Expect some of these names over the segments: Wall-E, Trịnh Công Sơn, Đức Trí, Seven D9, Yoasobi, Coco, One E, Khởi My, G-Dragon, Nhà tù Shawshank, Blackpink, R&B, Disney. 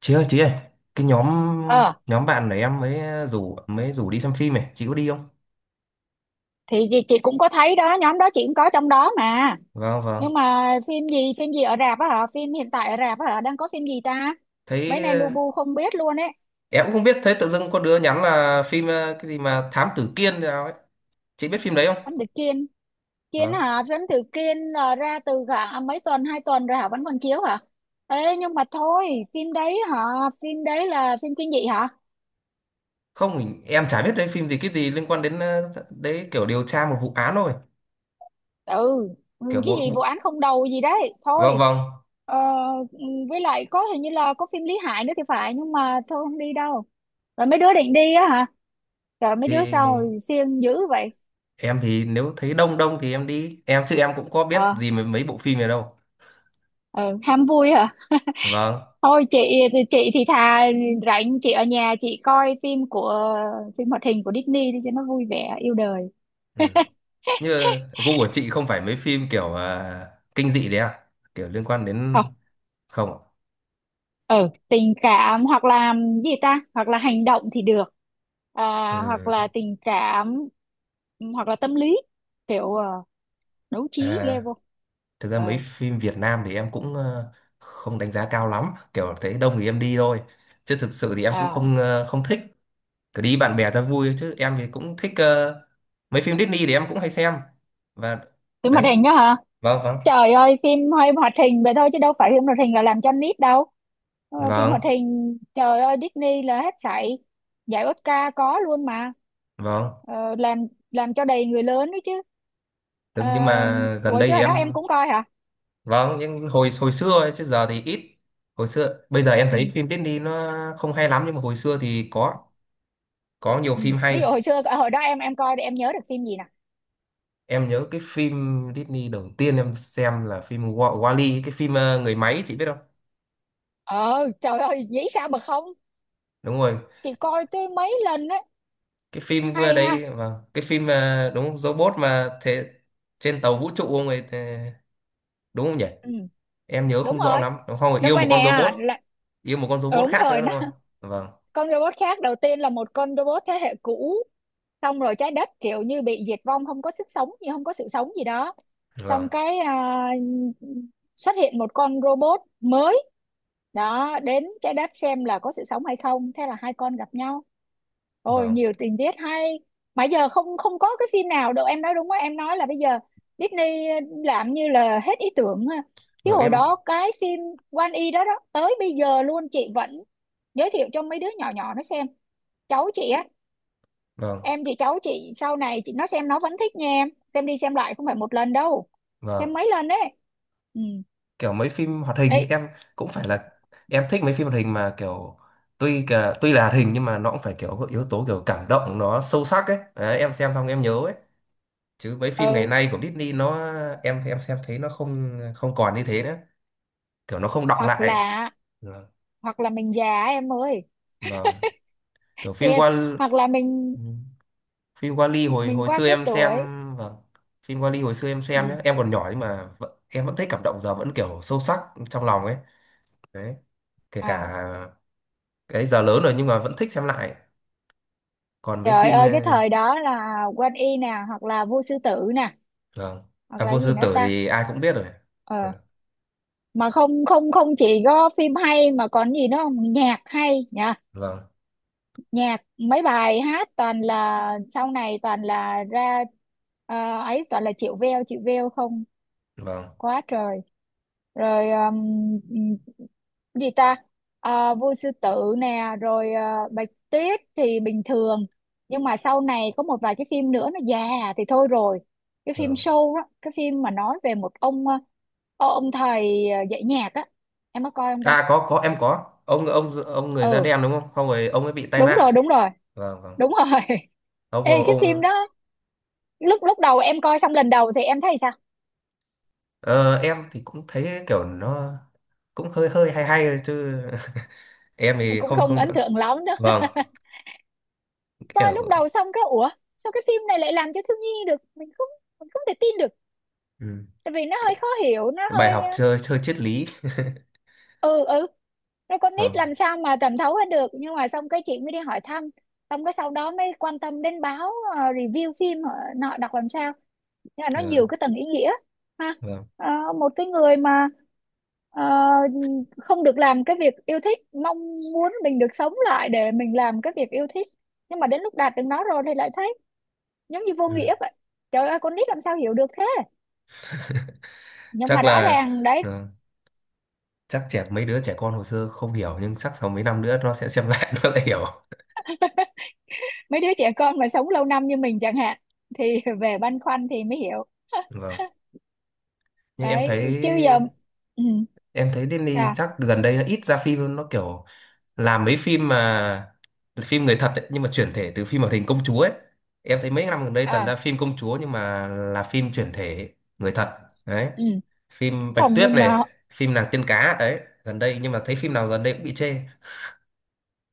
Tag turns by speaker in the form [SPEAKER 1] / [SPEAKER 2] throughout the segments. [SPEAKER 1] Chị ơi, chị ơi, cái nhóm,
[SPEAKER 2] ờ
[SPEAKER 1] nhóm bạn này em mới rủ đi xem phim này, chị có đi không?
[SPEAKER 2] thì chị cũng có thấy đó nhóm đó chị cũng có trong đó mà.
[SPEAKER 1] Vâng, vâng.
[SPEAKER 2] Nhưng mà phim gì ở rạp á hả? Phim hiện tại ở rạp á hả, đang có phim gì ta? Mấy này lu
[SPEAKER 1] Thấy
[SPEAKER 2] bu không biết luôn ấy.
[SPEAKER 1] em cũng không biết, thấy tự dưng có đứa nhắn là phim cái gì mà Thám Tử Kiên thế nào ấy, chị biết phim đấy không?
[SPEAKER 2] Anh từ Kiên, Kiên
[SPEAKER 1] Vâng.
[SPEAKER 2] hả? Phim từ Kiên là ra từ cả mấy tuần, 2 tuần rồi hả, vẫn còn chiếu hả? Ê nhưng mà thôi. Phim đấy hả? Phim đấy là phim kinh dị hả?
[SPEAKER 1] Không, em chả biết đấy phim gì, cái gì liên quan đến đấy, kiểu điều tra một vụ án thôi.
[SPEAKER 2] Ừ. Ừ,
[SPEAKER 1] Kiểu
[SPEAKER 2] cái
[SPEAKER 1] bộ,
[SPEAKER 2] gì vụ
[SPEAKER 1] bộ
[SPEAKER 2] án không đầu gì đấy
[SPEAKER 1] Vâng,
[SPEAKER 2] thôi.
[SPEAKER 1] vâng.
[SPEAKER 2] ờ, ừ, với lại có hình như là có phim Lý Hải nữa thì phải, nhưng mà thôi không đi đâu. Rồi mấy đứa định đi á hả? Rồi mấy đứa sao,
[SPEAKER 1] Thì
[SPEAKER 2] siêng dữ vậy?
[SPEAKER 1] em thì nếu thấy đông đông thì em đi, em chứ em cũng có biết
[SPEAKER 2] Ờ,
[SPEAKER 1] gì mấy mấy bộ phim này đâu.
[SPEAKER 2] ờ, ham vui hả?
[SPEAKER 1] Vâng,
[SPEAKER 2] Thôi chị. Chị thì thà rảnh chị ở nhà chị coi phim hoạt hình của Disney đi cho nó vui vẻ yêu đời.
[SPEAKER 1] ừ. Như gu của chị không phải mấy phim kiểu kinh dị đấy à, kiểu liên quan đến
[SPEAKER 2] Không,
[SPEAKER 1] không ạ?
[SPEAKER 2] ờ, tình cảm hoặc là gì ta? Hoặc là hành động thì được. À, hoặc
[SPEAKER 1] Ừ.
[SPEAKER 2] là tình cảm hoặc là tâm lý kiểu đấu trí
[SPEAKER 1] À,
[SPEAKER 2] ghê vô.
[SPEAKER 1] thực ra mấy
[SPEAKER 2] Ờ,
[SPEAKER 1] phim Việt Nam thì em cũng không đánh giá cao lắm, kiểu thấy đông thì em đi thôi, chứ thực sự thì em cũng
[SPEAKER 2] à,
[SPEAKER 1] không không thích, cứ đi bạn bè cho vui thôi. Chứ em thì cũng thích mấy phim Disney thì em cũng hay xem và
[SPEAKER 2] phim hoạt
[SPEAKER 1] đấy.
[SPEAKER 2] hình đó hả?
[SPEAKER 1] Vâng, vâng.
[SPEAKER 2] Trời ơi, phim hơi hoạt hình vậy thôi chứ đâu phải phim hoạt hình là làm cho nít đâu. Phim hoạt
[SPEAKER 1] Vâng,
[SPEAKER 2] hình, trời ơi, Disney là hết sảy. Giải Oscar có luôn mà.
[SPEAKER 1] vâng.
[SPEAKER 2] Làm cho đầy người lớn đấy chứ. Ờ,
[SPEAKER 1] Đúng, nhưng mà gần
[SPEAKER 2] ủa
[SPEAKER 1] đây
[SPEAKER 2] chứ
[SPEAKER 1] thì
[SPEAKER 2] hồi đó em
[SPEAKER 1] em.
[SPEAKER 2] cũng coi hả?
[SPEAKER 1] Vâng, nhưng hồi hồi xưa ấy, chứ giờ thì ít. Hồi xưa, bây giờ em
[SPEAKER 2] Ừ,
[SPEAKER 1] thấy phim Disney nó không hay lắm, nhưng mà hồi xưa thì có nhiều
[SPEAKER 2] ừ.
[SPEAKER 1] phim hay.
[SPEAKER 2] Ví dụ hồi xưa, hồi đó em coi thì em nhớ được phim gì nè?
[SPEAKER 1] Em nhớ cái phim Disney đầu tiên em xem là phim Wall-E, cái phim người máy, chị biết không?
[SPEAKER 2] Ờ, trời ơi, nghĩ sao mà không?
[SPEAKER 1] Đúng rồi,
[SPEAKER 2] Chị coi tới mấy lần đấy.
[SPEAKER 1] cái phim
[SPEAKER 2] Hay ha.
[SPEAKER 1] đấy, vâng, cái phim đúng robot mà thế trên tàu vũ trụ, ông ấy đúng không nhỉ?
[SPEAKER 2] Ừ,
[SPEAKER 1] Em nhớ
[SPEAKER 2] đúng
[SPEAKER 1] không rõ
[SPEAKER 2] rồi.
[SPEAKER 1] lắm. Đúng không?
[SPEAKER 2] Đúng
[SPEAKER 1] Yêu
[SPEAKER 2] rồi
[SPEAKER 1] một con
[SPEAKER 2] nè.
[SPEAKER 1] robot,
[SPEAKER 2] Là,
[SPEAKER 1] yêu một con robot
[SPEAKER 2] đúng
[SPEAKER 1] khác
[SPEAKER 2] rồi,
[SPEAKER 1] nữa đúng
[SPEAKER 2] nó
[SPEAKER 1] không? Vâng,
[SPEAKER 2] con robot khác đầu tiên là một con robot thế hệ cũ, xong rồi trái đất kiểu như bị diệt vong, không có sức sống gì, không có sự sống gì đó. Xong
[SPEAKER 1] vâng,
[SPEAKER 2] cái xuất hiện một con robot mới đó đến trái đất xem là có sự sống hay không, thế là hai con gặp nhau. Ôi
[SPEAKER 1] vâng.
[SPEAKER 2] nhiều tình tiết hay, mà giờ không không có cái phim nào đâu. Em nói đúng quá, em nói là bây giờ Disney làm như là hết ý tưởng ha. Chứ
[SPEAKER 1] Vâng
[SPEAKER 2] hồi
[SPEAKER 1] em.
[SPEAKER 2] đó cái phim One E đó đó tới bây giờ luôn chị vẫn giới thiệu cho mấy đứa nhỏ nhỏ nó xem cháu chị á.
[SPEAKER 1] Vâng.
[SPEAKER 2] Em thì cháu chị sau này chị nó xem nó vẫn thích nha em, xem đi xem lại không phải một lần đâu, xem
[SPEAKER 1] Vâng.
[SPEAKER 2] mấy lần đấy. Ừ,
[SPEAKER 1] Kiểu mấy phim hoạt hình ấy,
[SPEAKER 2] ấy,
[SPEAKER 1] em cũng phải là, em thích mấy phim hoạt hình mà kiểu tuy là hoạt hình nhưng mà nó cũng phải kiểu có yếu tố kiểu cảm động, nó sâu sắc ấy, đấy, em xem xong em nhớ ấy. Chứ mấy phim ngày
[SPEAKER 2] ừ,
[SPEAKER 1] nay của Disney nó, em xem thấy nó không, không còn như thế nữa, kiểu nó không đọng
[SPEAKER 2] hoặc
[SPEAKER 1] lại.
[SPEAKER 2] là
[SPEAKER 1] Vâng.
[SPEAKER 2] hoặc là mình già á em ơi.
[SPEAKER 1] Vâng. Kiểu phim
[SPEAKER 2] Thiệt.
[SPEAKER 1] Wall.
[SPEAKER 2] Hoặc là mình
[SPEAKER 1] Ừ. Phim Wall-E hồi hồi
[SPEAKER 2] qua
[SPEAKER 1] xưa
[SPEAKER 2] cái
[SPEAKER 1] em xem,
[SPEAKER 2] tuổi.
[SPEAKER 1] vâng. Phim Wall-E hồi xưa em xem nhé.
[SPEAKER 2] Ừ.
[SPEAKER 1] Em còn nhỏ nhưng mà vẫn, em vẫn thấy cảm động, giờ vẫn kiểu sâu sắc trong lòng ấy. Đấy. Kể
[SPEAKER 2] À,
[SPEAKER 1] cả cái giờ lớn rồi nhưng mà vẫn thích xem lại, còn với
[SPEAKER 2] trời
[SPEAKER 1] phim
[SPEAKER 2] ơi, cái thời đó là Quan Y nè, hoặc là Vua Sư Tử nè,
[SPEAKER 1] vâng.
[SPEAKER 2] hoặc
[SPEAKER 1] À,
[SPEAKER 2] là
[SPEAKER 1] vua
[SPEAKER 2] gì
[SPEAKER 1] sư
[SPEAKER 2] nữa
[SPEAKER 1] tử
[SPEAKER 2] ta.
[SPEAKER 1] thì ai cũng biết rồi.
[SPEAKER 2] ờ
[SPEAKER 1] Vâng,
[SPEAKER 2] mà không không không chỉ có phim hay mà còn gì nữa không, nhạc hay nhỉ.
[SPEAKER 1] vâng,
[SPEAKER 2] Nhạc mấy bài hát toàn là sau này toàn là ra ờ, ấy toàn là chịu veo không,
[SPEAKER 1] vâng,
[SPEAKER 2] quá trời. Rồi cái gì ta? Vua sư tử nè, rồi bạch tuyết thì bình thường, nhưng mà sau này có một vài cái phim nữa nó già thì thôi rồi. Cái phim
[SPEAKER 1] vâng.
[SPEAKER 2] show đó, cái phim mà nói về một ông ông thầy dạy nhạc á, em có coi không ta?
[SPEAKER 1] À có, em có, ông người da
[SPEAKER 2] Ừ,
[SPEAKER 1] đen đúng không, không, rồi ông ấy bị tai
[SPEAKER 2] đúng
[SPEAKER 1] nạn.
[SPEAKER 2] rồi, đúng rồi,
[SPEAKER 1] Vâng, vâng.
[SPEAKER 2] đúng rồi.
[SPEAKER 1] Ông
[SPEAKER 2] Ê, cái phim
[SPEAKER 1] ông.
[SPEAKER 2] đó lúc lúc đầu em coi xong lần đầu thì em thấy sao,
[SPEAKER 1] Ờ, em thì cũng thấy kiểu nó cũng hơi hơi hay hay thôi chứ, em thì
[SPEAKER 2] cũng
[SPEAKER 1] không,
[SPEAKER 2] không
[SPEAKER 1] không
[SPEAKER 2] ấn
[SPEAKER 1] được.
[SPEAKER 2] tượng lắm đâu.
[SPEAKER 1] Vâng,
[SPEAKER 2] Coi lúc
[SPEAKER 1] kiểu.
[SPEAKER 2] đầu xong cái ủa, sao cái phim này lại làm cho thiếu nhi được, mình không thể tin được,
[SPEAKER 1] Ừ.
[SPEAKER 2] tại vì nó hơi khó hiểu nó
[SPEAKER 1] Bài
[SPEAKER 2] hơi
[SPEAKER 1] học chơi chơi triết lý.
[SPEAKER 2] ờ, ừ ừ nó con nít
[SPEAKER 1] Vâng,
[SPEAKER 2] làm sao mà thẩm thấu hết được. Nhưng mà xong cái chị mới đi hỏi thăm, xong cái sau đó mới quan tâm đến báo review phim họ nọ đọc làm sao. Nghĩa là nó nhiều
[SPEAKER 1] vâng,
[SPEAKER 2] cái tầng ý nghĩa ha.
[SPEAKER 1] vâng.
[SPEAKER 2] Ờ, một cái người mà ờ, không được làm cái việc yêu thích, mong muốn mình được sống lại để mình làm cái việc yêu thích, nhưng mà đến lúc đạt được nó rồi thì lại thấy giống như vô
[SPEAKER 1] Ừ.
[SPEAKER 2] nghĩa vậy. Trời ơi, con nít làm sao hiểu được thế, nhưng mà
[SPEAKER 1] Chắc
[SPEAKER 2] rõ
[SPEAKER 1] là,
[SPEAKER 2] ràng đấy,
[SPEAKER 1] ừ, chắc trẻ mấy đứa trẻ con hồi xưa không hiểu, nhưng chắc sau mấy năm nữa nó sẽ xem lại nó lại hiểu.
[SPEAKER 2] mấy đứa trẻ con mà sống lâu năm như mình chẳng hạn thì về băn khoăn thì mới hiểu.
[SPEAKER 1] Vâng, nhưng em
[SPEAKER 2] Đấy.
[SPEAKER 1] thấy,
[SPEAKER 2] Chứ giờ ừ,
[SPEAKER 1] em thấy Disney
[SPEAKER 2] sao,
[SPEAKER 1] chắc gần đây nó ít ra phim hơn, nó kiểu làm mấy phim mà phim người thật ấy, nhưng mà chuyển thể từ phim hoạt hình công chúa ấy. Em thấy mấy năm gần đây toàn ra
[SPEAKER 2] à
[SPEAKER 1] phim công chúa nhưng mà là phim chuyển thể người thật. Đấy,
[SPEAKER 2] ừ,
[SPEAKER 1] phim Bạch
[SPEAKER 2] không
[SPEAKER 1] Tuyết
[SPEAKER 2] nhưng
[SPEAKER 1] này,
[SPEAKER 2] mà
[SPEAKER 1] phim nàng tiên cá đấy gần đây, nhưng mà thấy phim nào gần đây cũng bị chê.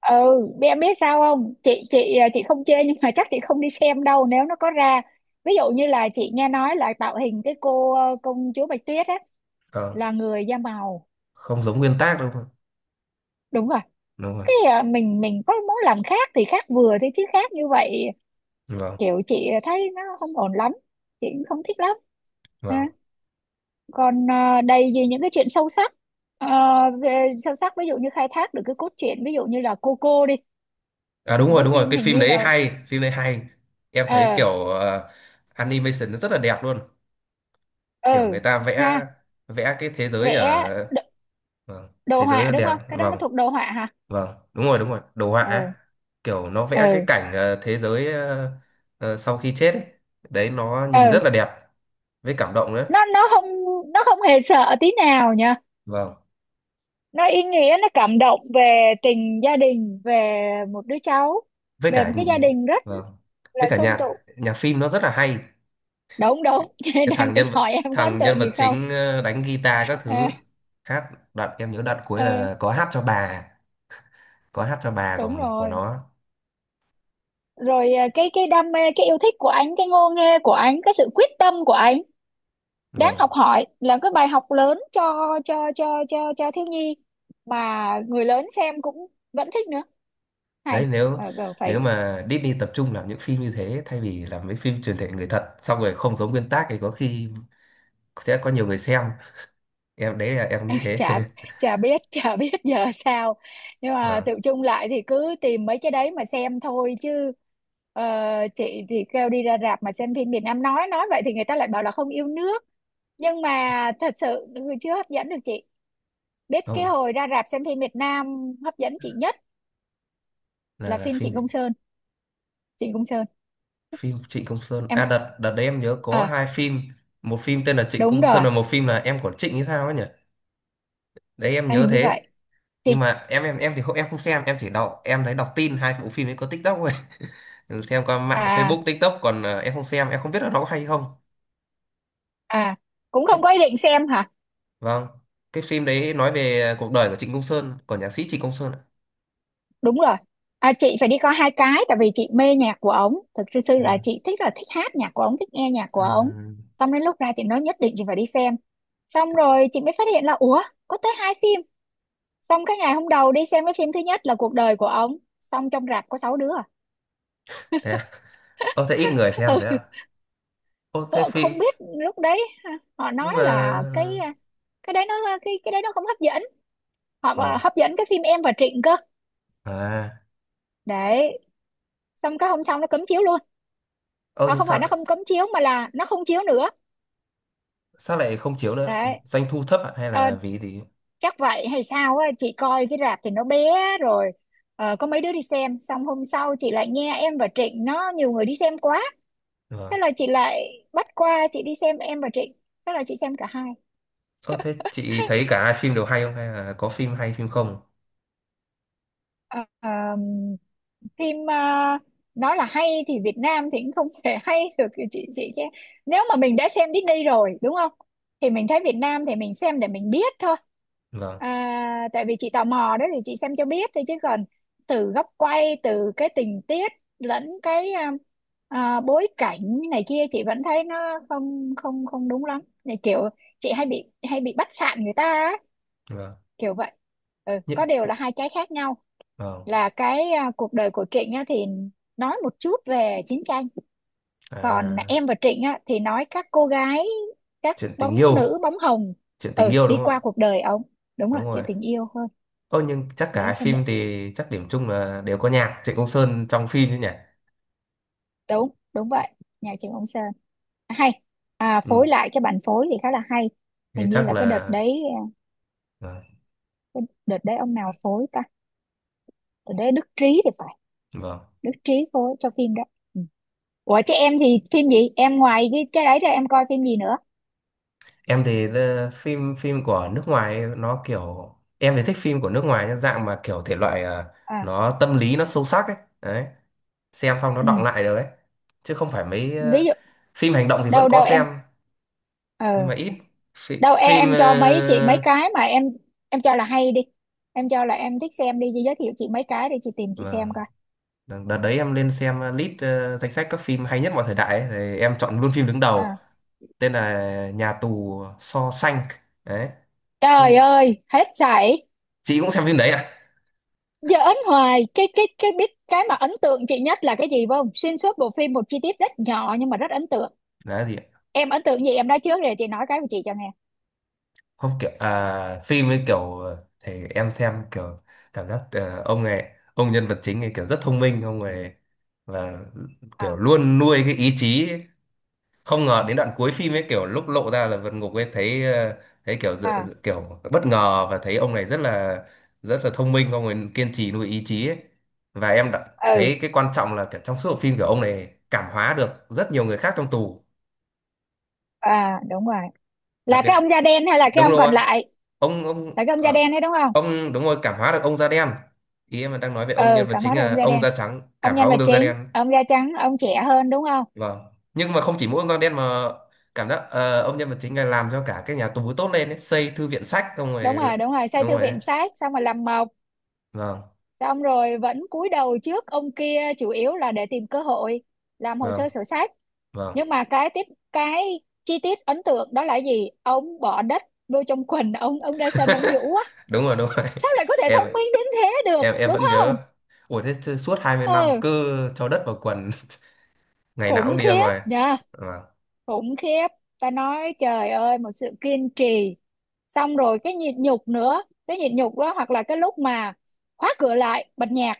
[SPEAKER 2] ừ biết em biết sao không. Chị không chê nhưng mà chắc chị không đi xem đâu nếu nó có ra. Ví dụ như là chị nghe nói là tạo hình cái cô công chúa Bạch Tuyết á
[SPEAKER 1] Ờ,
[SPEAKER 2] là người da màu.
[SPEAKER 1] không giống nguyên tác đâu, đúng rồi,
[SPEAKER 2] Đúng rồi,
[SPEAKER 1] đúng rồi.
[SPEAKER 2] cái mình có muốn làm khác thì khác vừa thôi chứ khác như vậy,
[SPEAKER 1] Vâng,
[SPEAKER 2] kiểu chị thấy nó không ổn lắm, chị cũng không thích lắm ha.
[SPEAKER 1] vâng.
[SPEAKER 2] Còn đầy gì những cái chuyện sâu sắc. Ờ, về sâu sắc ví dụ như khai thác được cái cốt truyện, ví dụ như là Coco đi,
[SPEAKER 1] À
[SPEAKER 2] một cái
[SPEAKER 1] đúng rồi,
[SPEAKER 2] phim
[SPEAKER 1] cái
[SPEAKER 2] hình
[SPEAKER 1] phim
[SPEAKER 2] như
[SPEAKER 1] đấy
[SPEAKER 2] là
[SPEAKER 1] hay, phim đấy hay. Em thấy
[SPEAKER 2] ờ
[SPEAKER 1] kiểu animation nó rất là đẹp luôn. Kiểu
[SPEAKER 2] ừ
[SPEAKER 1] người ta vẽ,
[SPEAKER 2] ha
[SPEAKER 1] vẽ cái thế giới
[SPEAKER 2] vẽ,
[SPEAKER 1] ở, vâng,
[SPEAKER 2] đồ
[SPEAKER 1] thế giới
[SPEAKER 2] họa
[SPEAKER 1] nó
[SPEAKER 2] đúng
[SPEAKER 1] đẹp.
[SPEAKER 2] không, cái đó nó
[SPEAKER 1] Vâng,
[SPEAKER 2] thuộc đồ họa hả?
[SPEAKER 1] vâng, đúng rồi, đồ họa ấy.
[SPEAKER 2] Ừ.
[SPEAKER 1] Kiểu nó vẽ cái
[SPEAKER 2] Ừ.
[SPEAKER 1] cảnh thế giới sau khi chết ấy. Đấy nó nhìn
[SPEAKER 2] Ừ,
[SPEAKER 1] rất là đẹp, với cảm động nữa.
[SPEAKER 2] nó không, nó không hề sợ tí nào nha,
[SPEAKER 1] Vâng,
[SPEAKER 2] nó ý nghĩa, nó cảm động về tình gia đình, về một đứa cháu,
[SPEAKER 1] với
[SPEAKER 2] về
[SPEAKER 1] cả,
[SPEAKER 2] một cái gia đình rất
[SPEAKER 1] vâng, với
[SPEAKER 2] là
[SPEAKER 1] cả
[SPEAKER 2] sum
[SPEAKER 1] nhạc,
[SPEAKER 2] tụ.
[SPEAKER 1] nhạc phim nó rất là hay.
[SPEAKER 2] Đúng đúng. Chị
[SPEAKER 1] Cái
[SPEAKER 2] đang
[SPEAKER 1] thằng
[SPEAKER 2] tính
[SPEAKER 1] nhân vật,
[SPEAKER 2] hỏi em có ấn
[SPEAKER 1] thằng
[SPEAKER 2] tượng
[SPEAKER 1] nhân
[SPEAKER 2] gì
[SPEAKER 1] vật
[SPEAKER 2] không.
[SPEAKER 1] chính đánh guitar các
[SPEAKER 2] à,
[SPEAKER 1] thứ, hát đoạn em nhớ đoạn cuối
[SPEAKER 2] ừ
[SPEAKER 1] là có hát cho bà, có hát cho bà của
[SPEAKER 2] đúng
[SPEAKER 1] của
[SPEAKER 2] rồi,
[SPEAKER 1] nó.
[SPEAKER 2] rồi cái đam mê, cái yêu thích của anh, cái ngô nghê của anh, cái sự quyết tâm của anh đáng
[SPEAKER 1] Vâng.
[SPEAKER 2] học hỏi, là cái bài học lớn cho thiếu nhi, mà người lớn xem cũng vẫn thích nữa. Hay.
[SPEAKER 1] Đấy, nếu,
[SPEAKER 2] Mà còn phải.
[SPEAKER 1] nếu mà Disney tập trung làm những phim như thế thay vì làm mấy phim truyền thể người thật xong rồi không giống nguyên tác thì có khi sẽ có nhiều người xem. Em đấy là em nghĩ thế.
[SPEAKER 2] Chả, chả biết giờ sao, nhưng mà
[SPEAKER 1] Vâng.
[SPEAKER 2] tự chung lại thì cứ tìm mấy cái đấy mà xem thôi chứ. ờ, chị thì kêu đi ra rạp mà xem phim Việt Nam, nói vậy thì người ta lại bảo là không yêu nước, nhưng mà thật sự chưa hấp dẫn được chị. Biết cái
[SPEAKER 1] Không.
[SPEAKER 2] hồi ra rạp xem phim Việt Nam hấp dẫn chị nhất
[SPEAKER 1] Là
[SPEAKER 2] là
[SPEAKER 1] là
[SPEAKER 2] phim
[SPEAKER 1] phim
[SPEAKER 2] Trịnh
[SPEAKER 1] gì?
[SPEAKER 2] Công Sơn, Trịnh Công Sơn.
[SPEAKER 1] Phim Trịnh Công Sơn à?
[SPEAKER 2] Em
[SPEAKER 1] Đợt đợt đấy em nhớ có
[SPEAKER 2] à,
[SPEAKER 1] hai phim, một phim tên là Trịnh
[SPEAKER 2] đúng
[SPEAKER 1] Công Sơn
[SPEAKER 2] rồi,
[SPEAKER 1] và một phim là Em của Trịnh hay sao ấy nhỉ. Đấy em nhớ
[SPEAKER 2] hình như vậy,
[SPEAKER 1] thế.
[SPEAKER 2] chị,
[SPEAKER 1] Nhưng mà em thì không, em không xem, em chỉ đọc, em thấy đọc tin hai bộ phim ấy có TikTok thôi. Ừ, xem qua mạng
[SPEAKER 2] à
[SPEAKER 1] Facebook TikTok còn em không xem, em không biết là nó có hay không.
[SPEAKER 2] à cũng
[SPEAKER 1] Cái,
[SPEAKER 2] không có ý định xem hả?
[SPEAKER 1] vâng, cái phim đấy nói về cuộc đời của Trịnh Công Sơn, của nhạc sĩ Trịnh Công Sơn ạ.
[SPEAKER 2] Đúng rồi. Chị phải đi coi hai cái tại vì chị mê nhạc của ổng, thực sự là
[SPEAKER 1] Ừ.
[SPEAKER 2] chị thích, là thích hát nhạc của ổng, thích nghe nhạc của
[SPEAKER 1] Ừ.
[SPEAKER 2] ổng. Xong đến lúc ra chị nói nhất định chị phải đi xem, xong rồi chị mới phát hiện là ủa, có tới hai phim. Xong cái ngày hôm đầu đi xem cái phim thứ nhất là cuộc đời của ổng, xong trong rạp có sáu đứa à.
[SPEAKER 1] Thế à? Ô thế ít người xem thế ạ?
[SPEAKER 2] Ừ.
[SPEAKER 1] Ô thế
[SPEAKER 2] Ờ,
[SPEAKER 1] phim,
[SPEAKER 2] không biết lúc đấy ha, họ
[SPEAKER 1] nhưng
[SPEAKER 2] nói
[SPEAKER 1] mà,
[SPEAKER 2] là cái đấy nó cái đấy nó không hấp dẫn, họ bảo
[SPEAKER 1] vâng.
[SPEAKER 2] hấp dẫn cái phim em và Trịnh cơ.
[SPEAKER 1] À.
[SPEAKER 2] Đấy xong cái hôm sau nó cấm chiếu luôn,
[SPEAKER 1] Ô nhưng
[SPEAKER 2] không phải
[SPEAKER 1] sao,
[SPEAKER 2] nó không cấm chiếu mà là nó không chiếu nữa.
[SPEAKER 1] sao lại không chiếu nữa?
[SPEAKER 2] Đấy.
[SPEAKER 1] Doanh thu thấp ạ hay
[SPEAKER 2] Ờ,
[SPEAKER 1] là vì gì?
[SPEAKER 2] chắc vậy hay sao á, chị coi cái rạp thì nó bé, rồi có mấy đứa đi xem, xong hôm sau chị lại nghe em và Trịnh nó nhiều người đi xem quá, thế
[SPEAKER 1] Vâng.
[SPEAKER 2] là chị lại bắt qua chị đi xem em và Trịnh, thế là chị xem cả hai.
[SPEAKER 1] Ô thế chị thấy cả hai phim đều hay không, hay là có phim hay phim không?
[SPEAKER 2] Ờ, phim nói là hay thì Việt Nam thì cũng không thể hay được thì chị chứ. Nếu mà mình đã xem Disney rồi đúng không, thì mình thấy Việt Nam thì mình xem để mình biết thôi.
[SPEAKER 1] Vâng,
[SPEAKER 2] Tại vì chị tò mò đó thì chị xem cho biết thôi chứ còn từ góc quay, từ cái tình tiết, lẫn cái bối cảnh này kia chị vẫn thấy nó không không không đúng lắm. Này kiểu chị hay bị bắt sạn người ta á,
[SPEAKER 1] vâng.
[SPEAKER 2] kiểu vậy. Ừ, có
[SPEAKER 1] Như-.
[SPEAKER 2] điều là hai cái khác nhau,
[SPEAKER 1] Vâng.
[SPEAKER 2] là cái cuộc đời của Trịnh á, thì nói một chút về chiến tranh, còn
[SPEAKER 1] À,
[SPEAKER 2] em và Trịnh á, thì nói các cô gái, các
[SPEAKER 1] chuyện tình
[SPEAKER 2] bóng
[SPEAKER 1] yêu,
[SPEAKER 2] nữ bóng hồng.
[SPEAKER 1] chuyện tình
[SPEAKER 2] Ừ
[SPEAKER 1] yêu
[SPEAKER 2] đi
[SPEAKER 1] đúng không ạ?
[SPEAKER 2] qua cuộc đời ông, đúng rồi,
[SPEAKER 1] Đúng rồi.
[SPEAKER 2] chuyện tình yêu hơn.
[SPEAKER 1] Ơ nhưng chắc cả
[SPEAKER 2] Đấy
[SPEAKER 1] hai
[SPEAKER 2] cho nên
[SPEAKER 1] phim thì chắc điểm chung là đều có nhạc Trịnh Công Sơn trong phim chứ nhỉ?
[SPEAKER 2] đúng đúng vậy. Nhà trường ông Sơn hay, phối
[SPEAKER 1] Ừ.
[SPEAKER 2] lại cho bản phối thì khá là hay.
[SPEAKER 1] Thế
[SPEAKER 2] Hình như
[SPEAKER 1] chắc
[SPEAKER 2] là cái đợt
[SPEAKER 1] là,
[SPEAKER 2] đấy, à,
[SPEAKER 1] vâng.
[SPEAKER 2] cái đợt đấy ông nào phối ta, đợt đấy Đức Trí thì phải.
[SPEAKER 1] Vâng.
[SPEAKER 2] Đức Trí phối cho phim đấy. Ừ. Ủa chứ em thì phim gì em ngoài cái đấy ra em coi phim gì nữa?
[SPEAKER 1] Em thì phim, phim của nước ngoài ấy, nó kiểu em thì thích phim của nước ngoài, nhưng dạng mà kiểu thể loại
[SPEAKER 2] À,
[SPEAKER 1] nó tâm lý, nó sâu sắc ấy. Đấy, xem xong nó
[SPEAKER 2] ừ.
[SPEAKER 1] đọng lại được ấy. Chứ không phải mấy
[SPEAKER 2] Ví dụ.
[SPEAKER 1] phim hành động thì vẫn
[SPEAKER 2] Đâu
[SPEAKER 1] có
[SPEAKER 2] đâu em.
[SPEAKER 1] xem nhưng
[SPEAKER 2] ờ
[SPEAKER 1] mà ít. Phi,
[SPEAKER 2] Đâu em
[SPEAKER 1] phim
[SPEAKER 2] em cho mấy chị mấy cái mà em cho là hay đi, em cho là em thích xem đi, chị giới thiệu chị mấy cái để chị tìm chị xem
[SPEAKER 1] vâng.
[SPEAKER 2] coi.
[SPEAKER 1] Đợt đấy em lên xem list danh sách các phim hay nhất mọi thời đại ấy, thì em chọn luôn phim đứng đầu,
[SPEAKER 2] À,
[SPEAKER 1] tên là Nhà tù Shawshank. Đấy.
[SPEAKER 2] trời
[SPEAKER 1] Không,
[SPEAKER 2] ơi hết sảy!
[SPEAKER 1] chị cũng xem phim đấy à?
[SPEAKER 2] Giỡn hoài! Cái biết cái mà ấn tượng chị nhất là cái gì, phải không? Xuyên suốt bộ phim một chi tiết rất nhỏ nhưng mà rất ấn tượng.
[SPEAKER 1] Đấy gì ạ?
[SPEAKER 2] Em ấn tượng gì, em nói trước rồi chị nói cái của chị cho nghe.
[SPEAKER 1] Không, kiểu phim ấy kiểu thì em xem kiểu cảm giác ông này, ông nhân vật chính ấy kiểu rất thông minh ông này, và kiểu
[SPEAKER 2] À.
[SPEAKER 1] luôn nuôi cái ý chí, không ngờ đến đoạn cuối phim ấy kiểu lúc lộ ra là vượt ngục ấy, thấy thấy kiểu
[SPEAKER 2] À.
[SPEAKER 1] kiểu bất ngờ và thấy ông này rất là, rất là thông minh, ông ấy kiên trì nuôi ý chí ấy. Và em đã
[SPEAKER 2] Ừ.
[SPEAKER 1] thấy cái quan trọng là kiểu trong suốt bộ phim kiểu ông này cảm hóa được rất nhiều người khác trong tù.
[SPEAKER 2] À đúng rồi,
[SPEAKER 1] Đặc
[SPEAKER 2] là
[SPEAKER 1] biệt
[SPEAKER 2] cái ông da đen hay là cái
[SPEAKER 1] đúng
[SPEAKER 2] ông
[SPEAKER 1] không
[SPEAKER 2] còn
[SPEAKER 1] ạ?
[SPEAKER 2] lại?
[SPEAKER 1] Ông
[SPEAKER 2] Là cái ông da đen đấy đúng không?
[SPEAKER 1] ông, đúng rồi, cảm hóa được ông da đen. Ý em đang nói về ông
[SPEAKER 2] Ừ,
[SPEAKER 1] nhân vật
[SPEAKER 2] cắm hết
[SPEAKER 1] chính
[SPEAKER 2] rồi ông
[SPEAKER 1] là
[SPEAKER 2] da
[SPEAKER 1] ông
[SPEAKER 2] đen.
[SPEAKER 1] da trắng
[SPEAKER 2] Ông
[SPEAKER 1] cảm hóa
[SPEAKER 2] nhân vật
[SPEAKER 1] ông da
[SPEAKER 2] chính
[SPEAKER 1] đen.
[SPEAKER 2] ông da trắng ông trẻ hơn đúng không?
[SPEAKER 1] Vâng, nhưng mà không chỉ mỗi ông Quang Đen mà cảm giác ông nhân vật chính này làm cho cả cái nhà tù tốt lên ấy, xây thư viện sách xong
[SPEAKER 2] Đúng
[SPEAKER 1] rồi.
[SPEAKER 2] rồi, đúng rồi, xây
[SPEAKER 1] Đúng
[SPEAKER 2] thư
[SPEAKER 1] rồi ấy.
[SPEAKER 2] viện sát xong rồi làm mộc,
[SPEAKER 1] Vâng,
[SPEAKER 2] xong rồi vẫn cúi đầu trước ông kia chủ yếu là để tìm cơ hội làm hồ
[SPEAKER 1] vâng,
[SPEAKER 2] sơ sổ sách.
[SPEAKER 1] vâng.
[SPEAKER 2] Nhưng mà cái tiếp, cái chi tiết ấn tượng đó là gì, ông bỏ đất vô trong quần, ông ra sân ông vũ á.
[SPEAKER 1] Đúng rồi, đúng rồi.
[SPEAKER 2] Sao lại có thể
[SPEAKER 1] Em,
[SPEAKER 2] thông minh đến thế được
[SPEAKER 1] em
[SPEAKER 2] đúng
[SPEAKER 1] vẫn
[SPEAKER 2] không?
[SPEAKER 1] nhớ. Ủa thế chứ suốt 20 năm
[SPEAKER 2] Ừ,
[SPEAKER 1] cứ cho đất vào quần ngày nào
[SPEAKER 2] khủng
[SPEAKER 1] cũng đi ra
[SPEAKER 2] khiếp
[SPEAKER 1] ngoài.
[SPEAKER 2] nha.
[SPEAKER 1] Vâng.
[SPEAKER 2] Khủng khiếp. Ta nói trời ơi, một sự kiên trì, xong rồi cái nhịn nhục nữa. Cái nhịn nhục đó, hoặc là cái lúc mà khóa cửa lại bật nhạc,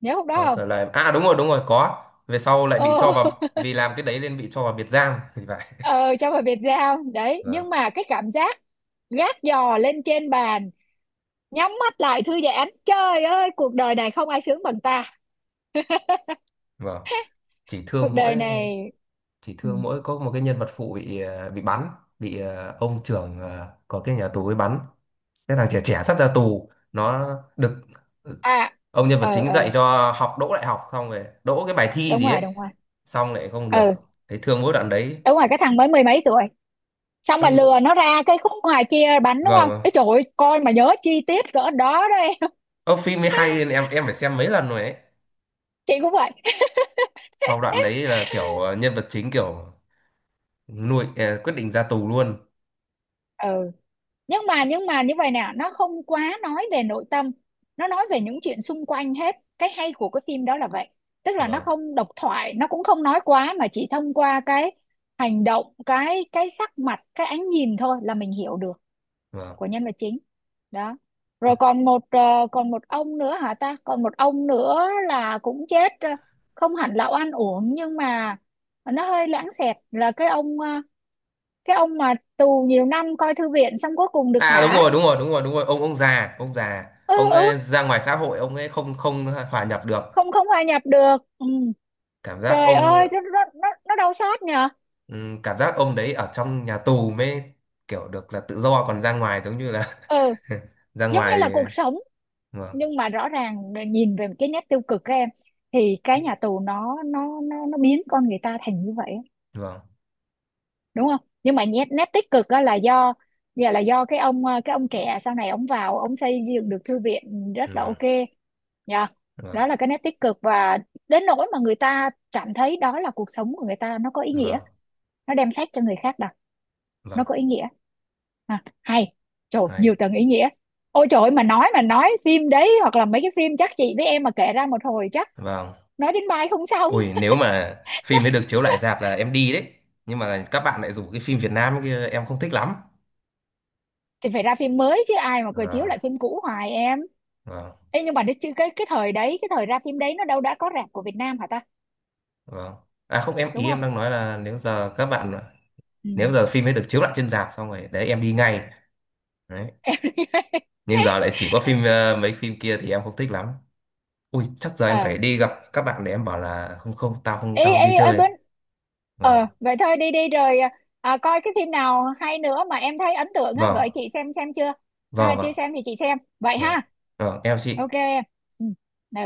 [SPEAKER 2] nhớ lúc đó
[SPEAKER 1] Có
[SPEAKER 2] không?
[SPEAKER 1] cửa lại à, đúng rồi, đúng rồi, có, về sau lại
[SPEAKER 2] Ờ.
[SPEAKER 1] bị cho vào vì làm cái đấy nên bị cho vào biệt giam thì phải.
[SPEAKER 2] Ờ, cho vào Việt Giao đấy,
[SPEAKER 1] Vâng,
[SPEAKER 2] nhưng mà cái cảm giác gác giò lên trên bàn, nhắm mắt lại thư giãn, trời ơi cuộc đời này không ai sướng bằng ta.
[SPEAKER 1] vâng. Chỉ
[SPEAKER 2] Cuộc
[SPEAKER 1] thương
[SPEAKER 2] đời
[SPEAKER 1] mỗi,
[SPEAKER 2] này.
[SPEAKER 1] chị
[SPEAKER 2] Ừ.
[SPEAKER 1] thương mỗi có một cái nhân vật phụ bị bị bắn, bị ông trưởng có cái nhà tù ấy bắn. Cái thằng trẻ trẻ sắp ra tù nó được, ừ,
[SPEAKER 2] À.
[SPEAKER 1] ông nhân vật
[SPEAKER 2] Ờ
[SPEAKER 1] chính dạy
[SPEAKER 2] ờ,
[SPEAKER 1] cho học đỗ đại học xong rồi đỗ cái bài thi
[SPEAKER 2] đúng
[SPEAKER 1] gì
[SPEAKER 2] rồi,
[SPEAKER 1] ấy,
[SPEAKER 2] đúng rồi.
[SPEAKER 1] xong lại không được,
[SPEAKER 2] Ừ,
[SPEAKER 1] thấy thương mỗi đoạn đấy.
[SPEAKER 2] đúng rồi, cái thằng mới mười mấy tuổi, xong mà
[SPEAKER 1] Em.
[SPEAKER 2] lừa nó ra cái khúc ngoài kia bánh đúng
[SPEAKER 1] Vâng,
[SPEAKER 2] không?
[SPEAKER 1] vâng.
[SPEAKER 2] Ê trời ơi, coi mà nhớ chi tiết cỡ đó đó em.
[SPEAKER 1] Ông phim mới hay nên em phải xem mấy lần rồi ấy.
[SPEAKER 2] Chị cũng vậy.
[SPEAKER 1] Sau đoạn đấy là kiểu nhân vật chính kiểu nuôi quyết định ra tù luôn.
[SPEAKER 2] Ừ, nhưng mà như vậy nè, nó không quá nói về nội tâm, nó nói về những chuyện xung quanh, hết cái hay của cái phim đó là vậy. Tức là nó
[SPEAKER 1] Vâng,
[SPEAKER 2] không độc thoại, nó cũng không nói quá, mà chỉ thông qua cái hành động, cái sắc mặt, cái ánh nhìn thôi là mình hiểu được của
[SPEAKER 1] vâng.
[SPEAKER 2] nhân vật chính. Đó, rồi còn một còn một ông nữa hả ta, còn một ông nữa là cũng chết, không hẳn là oan uổng nhưng mà nó hơi lãng xẹt, là cái ông cái ông mà tù nhiều năm coi thư viện xong cuối cùng được
[SPEAKER 1] À đúng
[SPEAKER 2] thả.
[SPEAKER 1] rồi, đúng rồi, đúng rồi, đúng rồi. Ông già, ông già,
[SPEAKER 2] Ừ
[SPEAKER 1] ông
[SPEAKER 2] ừ,
[SPEAKER 1] ấy ra ngoài xã hội ông ấy không, không hòa nhập được.
[SPEAKER 2] không không hòa nhập được, ừ.
[SPEAKER 1] Cảm giác
[SPEAKER 2] Trời
[SPEAKER 1] ông,
[SPEAKER 2] ơi, nó đau xót nhờ.
[SPEAKER 1] cảm giác ông đấy ở trong nhà tù mới kiểu được là tự do, còn ra ngoài giống như là
[SPEAKER 2] Ừ,
[SPEAKER 1] ra
[SPEAKER 2] giống như
[SPEAKER 1] ngoài
[SPEAKER 2] là
[SPEAKER 1] thì...
[SPEAKER 2] cuộc sống.
[SPEAKER 1] Vâng,
[SPEAKER 2] Nhưng mà rõ ràng nhìn về cái nét tiêu cực các em, thì cái nhà tù nó biến con người ta thành như vậy,
[SPEAKER 1] vâng,
[SPEAKER 2] đúng không? Nhưng mà nét nét tích cực á là do, dạ là do cái ông cái ông trẻ sau này ông vào ông xây dựng được thư viện rất là
[SPEAKER 1] vâng,
[SPEAKER 2] ok. Dạ.
[SPEAKER 1] vâng,
[SPEAKER 2] Đó là cái nét tích cực, và đến nỗi mà người ta cảm thấy đó là cuộc sống của người ta, nó có ý nghĩa,
[SPEAKER 1] vâng,
[SPEAKER 2] nó đem sách cho người khác đọc, nó
[SPEAKER 1] vâng,
[SPEAKER 2] có ý nghĩa. À, hay. Trời ơi, nhiều
[SPEAKER 1] hay.
[SPEAKER 2] tầng ý nghĩa. Ôi trời ơi, mà nói phim đấy hoặc là mấy cái phim, chắc chị với em mà kể ra một hồi chắc
[SPEAKER 1] Vâng.
[SPEAKER 2] nói đến mai không xong.
[SPEAKER 1] Ui nếu mà phim ấy được chiếu lại rạp là em đi đấy. Nhưng mà các bạn lại rủ cái phim Việt Nam kia em không thích lắm.
[SPEAKER 2] Thì phải ra phim mới chứ, ai mà cười chiếu
[SPEAKER 1] Vâng,
[SPEAKER 2] lại phim cũ hoài em.
[SPEAKER 1] vâng,
[SPEAKER 2] Ê, nhưng mà cái thời đấy, cái thời ra phim đấy nó đâu đã có rạp của Việt Nam hả ta,
[SPEAKER 1] vâng. À không, em
[SPEAKER 2] đúng
[SPEAKER 1] ý em
[SPEAKER 2] không?
[SPEAKER 1] đang nói là nếu giờ các bạn,
[SPEAKER 2] Ừ.
[SPEAKER 1] nếu giờ phim ấy được chiếu lại trên rạp xong rồi đấy em đi ngay. Đấy, nhưng giờ lại chỉ có phim mấy phim kia thì em không thích lắm. Ui chắc giờ
[SPEAKER 2] Ờ,
[SPEAKER 1] em phải đi gặp các bạn để em bảo là không, không, tao không,
[SPEAKER 2] ê
[SPEAKER 1] tao không đi
[SPEAKER 2] ê ơi
[SPEAKER 1] chơi.
[SPEAKER 2] bên.
[SPEAKER 1] Vâng,
[SPEAKER 2] Ờ vậy thôi, đi đi rồi. À, coi cái phim nào hay nữa mà em thấy ấn tượng á
[SPEAKER 1] vâng,
[SPEAKER 2] gửi chị xem chưa? À,
[SPEAKER 1] vâng,
[SPEAKER 2] chưa
[SPEAKER 1] vâng,
[SPEAKER 2] xem thì chị xem vậy
[SPEAKER 1] vâng,
[SPEAKER 2] ha.
[SPEAKER 1] vâng. Em chào chị.
[SPEAKER 2] Ok em. Ừ. Ừ.